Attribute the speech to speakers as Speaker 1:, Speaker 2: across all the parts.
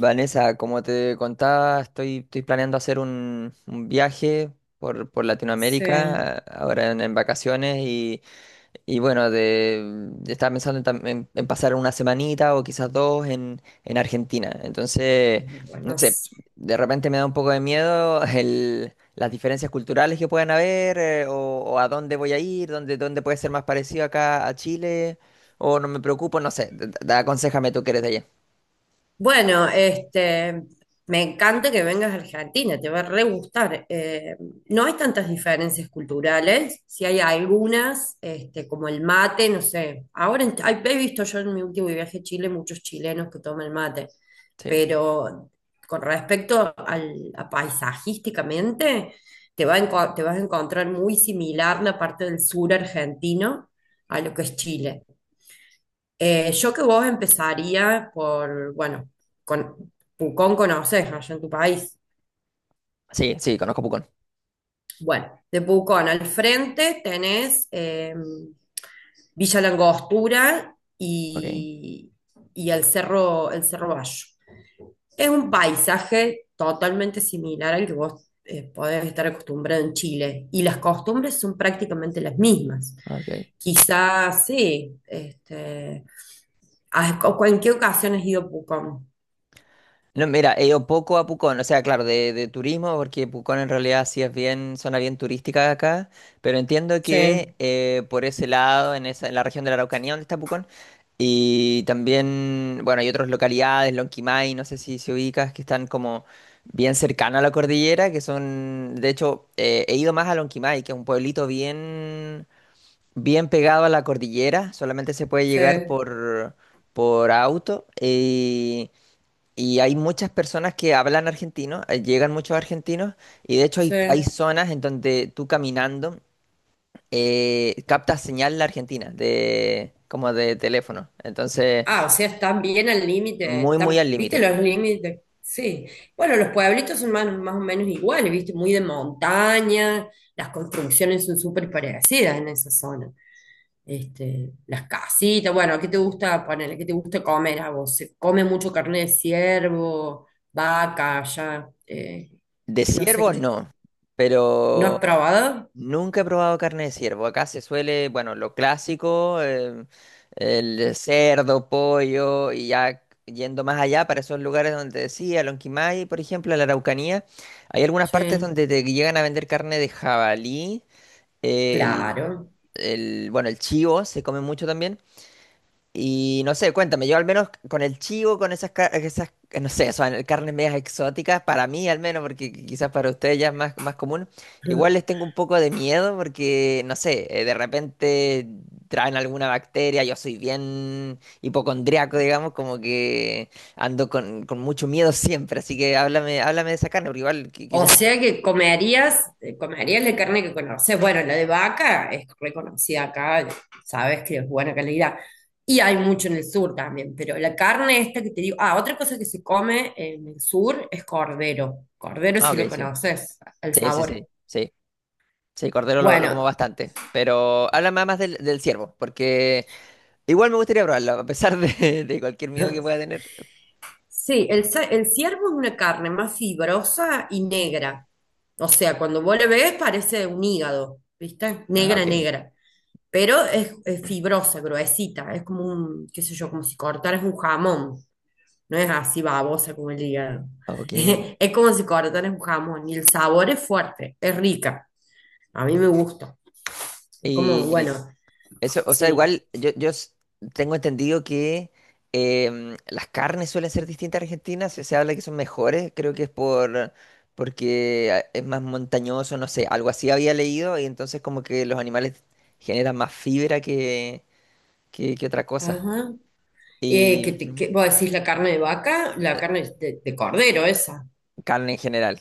Speaker 1: Vanessa, como te contaba, estoy planeando hacer un viaje por
Speaker 2: Sí,
Speaker 1: Latinoamérica, ahora en vacaciones, y bueno, estaba pensando en pasar una semanita o quizás dos en Argentina. Entonces, no sé,
Speaker 2: buenas.
Speaker 1: de repente me da un poco de miedo las diferencias culturales que puedan haber, o a dónde voy a ir, dónde puede ser más parecido acá a Chile, o no me preocupo, no sé, aconséjame tú que eres de allá.
Speaker 2: Bueno, me encanta que vengas a Argentina, te va a re gustar. No hay tantas diferencias culturales, si hay algunas, como el mate, no sé. He visto yo en mi último viaje a Chile muchos chilenos que toman mate,
Speaker 1: Sí,
Speaker 2: pero con respecto a paisajísticamente, te vas a encontrar muy similar la parte del sur argentino a lo que es Chile. Yo que vos empezaría por, bueno, con, Pucón conoces, ¿no? Allá en tu país.
Speaker 1: sí, sí, conozco Pucón.
Speaker 2: Bueno, de Pucón al frente tenés Villa Langostura
Speaker 1: Ok,
Speaker 2: y el Cerro Bayo. Es un paisaje totalmente similar al que vos podés estar acostumbrado en Chile, y las costumbres son prácticamente las mismas.
Speaker 1: ok.
Speaker 2: Quizás sí, ¿en qué ocasión has ido a Pucón?
Speaker 1: No, mira, he ido poco a Pucón, o sea, claro, de turismo, porque Pucón en realidad sí es bien, zona bien turística acá, pero entiendo
Speaker 2: Sí,
Speaker 1: que por ese lado, en la región de la Araucanía donde está Pucón, y también, bueno, hay otras localidades, Lonquimay, no sé si se ubicas, que están como bien cercano a la cordillera, que son, de hecho, he ido más a Lonquimay, que es un pueblito bien, bien pegado a la cordillera, solamente se puede
Speaker 2: sí,
Speaker 1: llegar por auto. Y hay muchas personas que hablan argentino, llegan muchos argentinos, y de hecho
Speaker 2: sí.
Speaker 1: hay zonas en donde tú caminando captas señal de Argentina, como de teléfono. Entonces,
Speaker 2: Ah, o sea, están bien al límite,
Speaker 1: muy, muy
Speaker 2: están,
Speaker 1: al
Speaker 2: ¿viste
Speaker 1: límite.
Speaker 2: los límites? Sí. Bueno, los pueblitos son más, más o menos iguales, ¿viste? Muy de montaña, las construcciones son súper parecidas en esa zona. Las casitas, bueno, ¿qué te
Speaker 1: Ok.
Speaker 2: gusta poner? ¿Qué te gusta comer a vos? ¿Se come mucho carne de ciervo, vaca, ya?
Speaker 1: De
Speaker 2: Que no sé
Speaker 1: ciervos
Speaker 2: qué.
Speaker 1: no,
Speaker 2: ¿No has
Speaker 1: pero
Speaker 2: probado?
Speaker 1: nunca he probado carne de ciervo. Acá se suele, bueno, lo clásico, el cerdo, pollo, y ya yendo más allá para esos lugares donde decía, Lonquimay, por ejemplo, la Araucanía, hay algunas partes
Speaker 2: Sí,
Speaker 1: donde te llegan a vender carne de jabalí, el,
Speaker 2: claro.
Speaker 1: bueno, el chivo se come mucho también. Y no sé, cuéntame, yo al menos con el chivo, con esas, no sé, son carnes medias exóticas, para mí al menos, porque quizás para ustedes ya es más, común, igual les tengo un poco de miedo porque, no sé, de repente traen alguna bacteria, yo soy bien hipocondriaco, digamos, como que ando con mucho miedo siempre, así que háblame de esa carne, porque igual
Speaker 2: O
Speaker 1: quisiera probar.
Speaker 2: sea que comerías, comerías la carne que conoces. Bueno, la de vaca es reconocida acá, sabes que es buena calidad. Y hay mucho en el sur también, pero la carne esta que te digo, ah, otra cosa que se come en el sur es cordero. Cordero
Speaker 1: Ah,
Speaker 2: si
Speaker 1: ok,
Speaker 2: lo
Speaker 1: sí,
Speaker 2: conoces, el
Speaker 1: sí, sí,
Speaker 2: sabor.
Speaker 1: sí, sí, sí, cordero lo como
Speaker 2: Bueno,
Speaker 1: bastante, pero háblame más del ciervo, porque. Igual me gustaría probarlo, a pesar de, de cualquier miedo que pueda tener.
Speaker 2: sí, el ciervo es una carne más fibrosa y negra. O sea, cuando vos le ves parece un hígado, ¿viste?
Speaker 1: Ah,
Speaker 2: Negra,
Speaker 1: ok,
Speaker 2: negra. Pero es fibrosa, gruesita. Es como un, qué sé yo, como si cortaras un jamón. No es así babosa como el hígado.
Speaker 1: ok.
Speaker 2: Es como si cortaras un jamón. Y el sabor es fuerte, es rica. A mí me gusta. Es como,
Speaker 1: Y
Speaker 2: bueno,
Speaker 1: eso, o sea,
Speaker 2: sí.
Speaker 1: igual yo tengo entendido que las carnes suelen ser distintas en Argentina, se habla que son mejores, creo que es porque es más montañoso, no sé, algo así había leído y entonces como que los animales generan más fibra que otra cosa.
Speaker 2: Ajá. Que
Speaker 1: Y
Speaker 2: te,
Speaker 1: ujú,
Speaker 2: que, vos decís la carne de vaca, la carne de cordero esa.
Speaker 1: carne en general.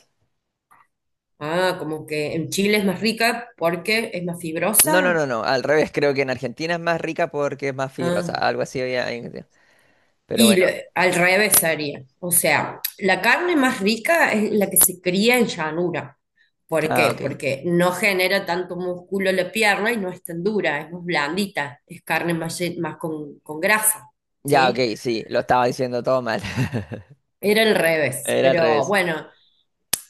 Speaker 2: Ah, como que en Chile es más rica porque es más
Speaker 1: No, no,
Speaker 2: fibrosa.
Speaker 1: no, no, al revés, creo que en Argentina es más rica porque es más fibrosa,
Speaker 2: Ah,
Speaker 1: algo así había. Pero bueno,
Speaker 2: al revés sería. O sea, la carne más rica es la que se cría en llanura. ¿Por
Speaker 1: ah,
Speaker 2: qué?
Speaker 1: ok.
Speaker 2: Porque no genera tanto músculo la pierna y no es tan dura, es más blandita, es carne más, más con grasa,
Speaker 1: Ya, ok,
Speaker 2: ¿sí?
Speaker 1: sí, lo estaba diciendo todo mal.
Speaker 2: Era el revés,
Speaker 1: Era al
Speaker 2: pero
Speaker 1: revés.
Speaker 2: bueno,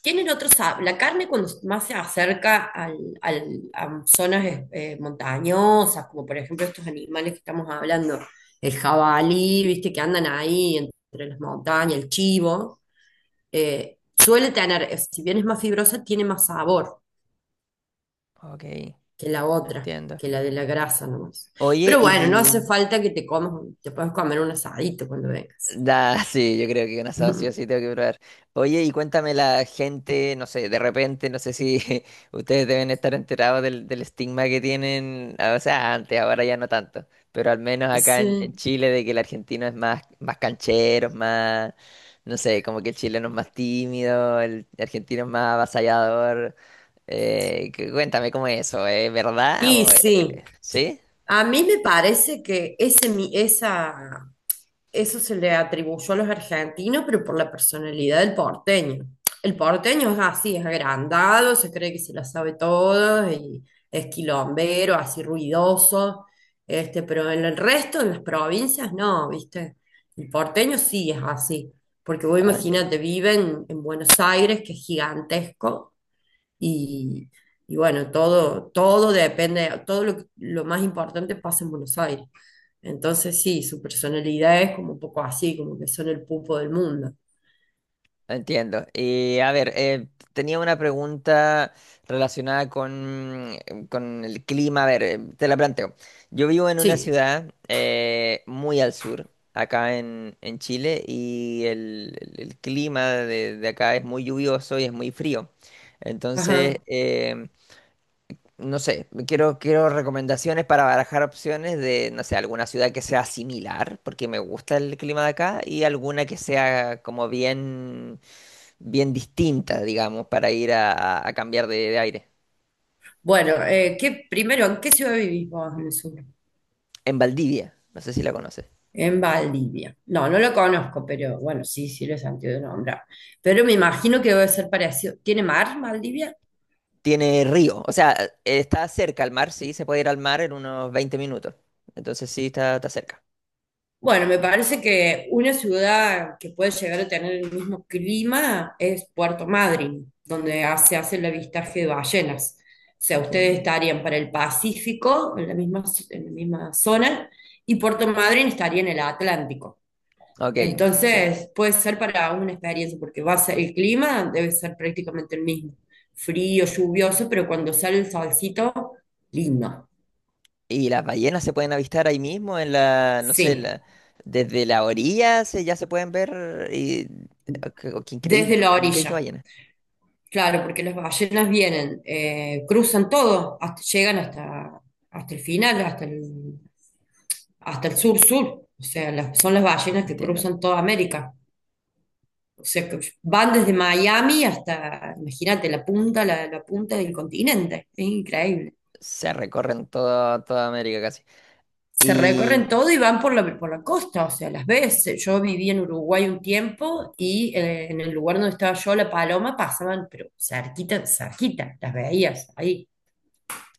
Speaker 2: tienen otros, la carne cuando más se acerca al, a zonas montañosas, como por ejemplo estos animales que estamos hablando, el jabalí, viste, que andan ahí entre las montañas, el chivo, suele tener, si bien es más fibrosa, tiene más sabor
Speaker 1: Ok,
Speaker 2: que la otra,
Speaker 1: entiendo.
Speaker 2: que la de la grasa nomás.
Speaker 1: Oye,
Speaker 2: Pero bueno, no
Speaker 1: y.
Speaker 2: hace falta que te comas, te puedes comer un asadito cuando vengas.
Speaker 1: Da, sí, yo creo que un asado sí o sí tengo que probar. Oye, y cuéntame la gente, no sé, de repente, no sé si ustedes deben estar enterados del estigma que tienen, ah, o sea, antes, ahora ya no tanto, pero al menos acá en
Speaker 2: Sí.
Speaker 1: Chile de que el argentino es más, canchero, más, no sé, como que el chileno es más tímido, el argentino es más avasallador. Cuéntame cómo es eso, ¿es verdad?
Speaker 2: Y sí,
Speaker 1: ¿Sí?
Speaker 2: a mí me parece que ese, esa, eso se le atribuyó a los argentinos, pero por la personalidad del porteño. El porteño es así, es agrandado, se cree que se la sabe todo y es quilombero, así ruidoso, pero en el resto de las provincias no, ¿viste? El porteño sí es así, porque vos
Speaker 1: Ah, entiendo,
Speaker 2: imagínate, viven en Buenos Aires, que es gigantesco. Y bueno, todo, todo depende, todo lo más importante pasa en Buenos Aires. Entonces sí, su personalidad es como un poco así, como que son el pupo del mundo.
Speaker 1: entiendo. Y a ver, tenía una pregunta relacionada con el clima. A ver, te la planteo. Yo vivo en una
Speaker 2: Sí.
Speaker 1: ciudad muy al sur, acá en Chile, y el clima de acá es muy lluvioso y es muy frío. Entonces,
Speaker 2: Ajá.
Speaker 1: eh, No sé, quiero recomendaciones para barajar opciones de, no sé, alguna ciudad que sea similar, porque me gusta el clima de acá, y alguna que sea como bien, bien distinta, digamos, para ir a cambiar de aire.
Speaker 2: Bueno, ¿qué, primero, ¿en qué ciudad vivís vos en el sur?
Speaker 1: En Valdivia, no sé si la conoces.
Speaker 2: En Valdivia. No, no lo conozco, pero bueno, sí, sí lo he sentido de nombrar. Pero me imagino que debe ser parecido. ¿Tiene mar Valdivia?
Speaker 1: Tiene río, o sea, está cerca al mar, sí, se puede ir al mar en unos 20 minutos. Entonces sí, está cerca.
Speaker 2: Bueno, me parece que una ciudad que puede llegar a tener el mismo clima es Puerto Madryn, donde se hace el avistaje de ballenas. O sea,
Speaker 1: Ok,
Speaker 2: ustedes estarían para el Pacífico, en la misma zona, y Puerto Madryn estaría en el Atlántico.
Speaker 1: ok, entiendo.
Speaker 2: Entonces, puede ser para una experiencia, porque va a ser el clima, debe ser prácticamente el mismo. Frío, lluvioso, pero cuando sale el solcito, lindo.
Speaker 1: Y las ballenas se pueden avistar ahí mismo en la, no sé,
Speaker 2: Sí,
Speaker 1: desde la orilla ya se pueden ver y o qué increíble,
Speaker 2: desde la
Speaker 1: nunca, nunca he visto
Speaker 2: orilla.
Speaker 1: ballenas.
Speaker 2: Claro, porque las ballenas vienen, cruzan todo, hasta, llegan hasta, hasta el final, hasta el sur-sur. O sea, son las
Speaker 1: Ah,
Speaker 2: ballenas que
Speaker 1: entiendo.
Speaker 2: cruzan toda América. O sea, que van desde Miami hasta, imagínate, la punta, la punta del continente. Es increíble.
Speaker 1: Se recorren toda toda América casi.
Speaker 2: Se recorren
Speaker 1: Y
Speaker 2: todo y van por la costa, o sea, las ves. Yo viví en Uruguay un tiempo y en el lugar donde estaba yo, la paloma, pasaban, pero cerquita, cerquita, las veías ahí.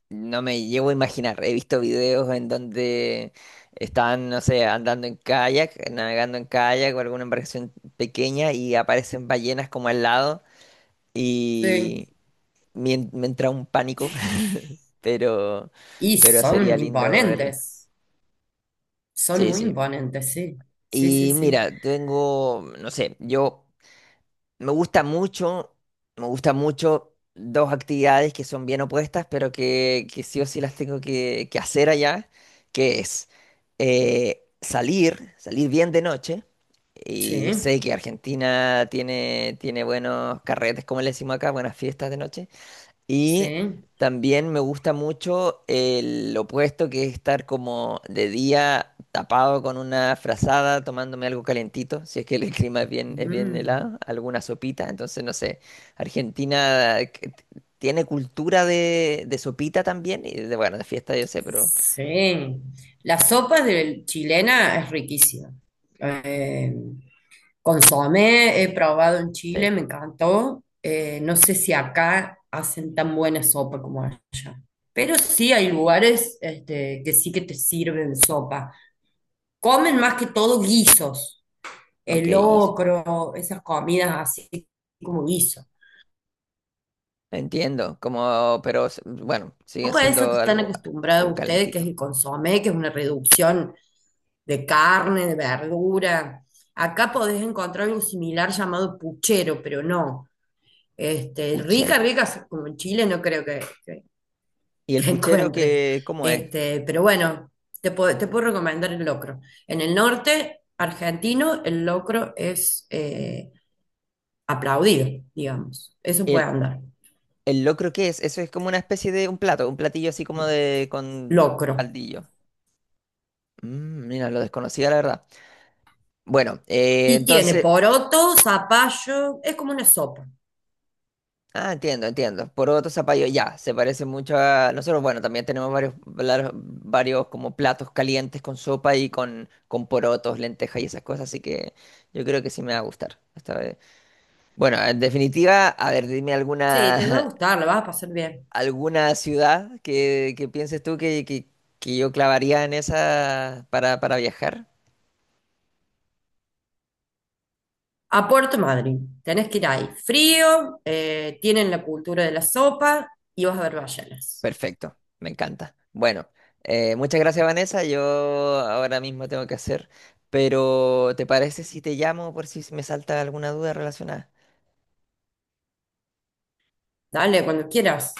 Speaker 1: no me llevo a imaginar, he visto videos en donde están, no sé, andando en kayak, navegando en kayak o alguna embarcación pequeña y aparecen ballenas como al lado
Speaker 2: Sí.
Speaker 1: y me entra un pánico, pero
Speaker 2: Y
Speaker 1: pero sería
Speaker 2: son
Speaker 1: lindo verlas.
Speaker 2: imponentes, son
Speaker 1: Sí,
Speaker 2: muy
Speaker 1: sí.
Speaker 2: imponentes, sí. Sí, sí,
Speaker 1: Y
Speaker 2: sí.
Speaker 1: mira, tengo, no sé, yo me gusta mucho, me gusta mucho dos actividades que son bien opuestas, pero que sí o sí las tengo que hacer allá, que es salir bien de noche. Y
Speaker 2: Sí,
Speaker 1: sé que Argentina tiene buenos carretes, como le decimos acá, buenas fiestas de noche. Y
Speaker 2: sí.
Speaker 1: también me gusta mucho el opuesto que es estar como de día tapado con una frazada, tomándome algo calentito, si es que el clima es bien
Speaker 2: Mm.
Speaker 1: helado, alguna sopita. Entonces, no sé, Argentina que tiene cultura de sopita también, y bueno, de fiesta yo sé, pero
Speaker 2: Sí, la sopa de chilena es riquísima. Eh, consomé, he probado en Chile,
Speaker 1: sí,
Speaker 2: me encantó. No sé si acá hacen tan buena sopa como allá, pero sí hay lugares que sí que te sirven sopa. Comen más que todo guisos,
Speaker 1: ok,
Speaker 2: el
Speaker 1: guiso.
Speaker 2: locro, esas comidas así como guisos.
Speaker 1: Entiendo, como, pero bueno, siguen
Speaker 2: Sopa esa que
Speaker 1: siendo
Speaker 2: están
Speaker 1: algo,
Speaker 2: acostumbrados
Speaker 1: algo
Speaker 2: ustedes, que es
Speaker 1: calentito.
Speaker 2: el consomé, que es una reducción de carne, de verdura. Acá podés encontrar algo similar llamado puchero, pero no. Rica,
Speaker 1: Puchero.
Speaker 2: rica, como en Chile no creo que, que-
Speaker 1: ¿Y el
Speaker 2: que
Speaker 1: puchero
Speaker 2: encuentres.
Speaker 1: cómo es?
Speaker 2: Este, pero bueno, te puedo recomendar el locro. En el norte argentino, el locro es aplaudido, digamos. Eso puede andar.
Speaker 1: ¿El locro qué es? Eso es como una especie de un platillo así como de con
Speaker 2: Locro.
Speaker 1: caldillo. Mira, lo desconocía la verdad. Bueno,
Speaker 2: Y tiene
Speaker 1: entonces,
Speaker 2: poroto, zapallo, es como una sopa.
Speaker 1: ah, entiendo, entiendo. Poroto, zapallo, ya, se parece mucho a nosotros. Bueno, también tenemos varios, varios como platos calientes con sopa y con porotos, lentejas y esas cosas, así que yo creo que sí me va a gustar esta vez. Bueno, en definitiva, a ver, ¿dime
Speaker 2: Sí, te va a
Speaker 1: alguna
Speaker 2: gustar, la vas a pasar bien.
Speaker 1: alguna ciudad que pienses tú que yo clavaría en esa para viajar?
Speaker 2: A Puerto Madryn, tenés que ir ahí. Frío, tienen la cultura de la sopa y vas a ver ballenas.
Speaker 1: Perfecto, me encanta. Bueno, muchas gracias Vanessa, yo ahora mismo tengo que hacer, pero ¿te parece si te llamo por si me salta alguna duda relacionada?
Speaker 2: Dale, cuando quieras.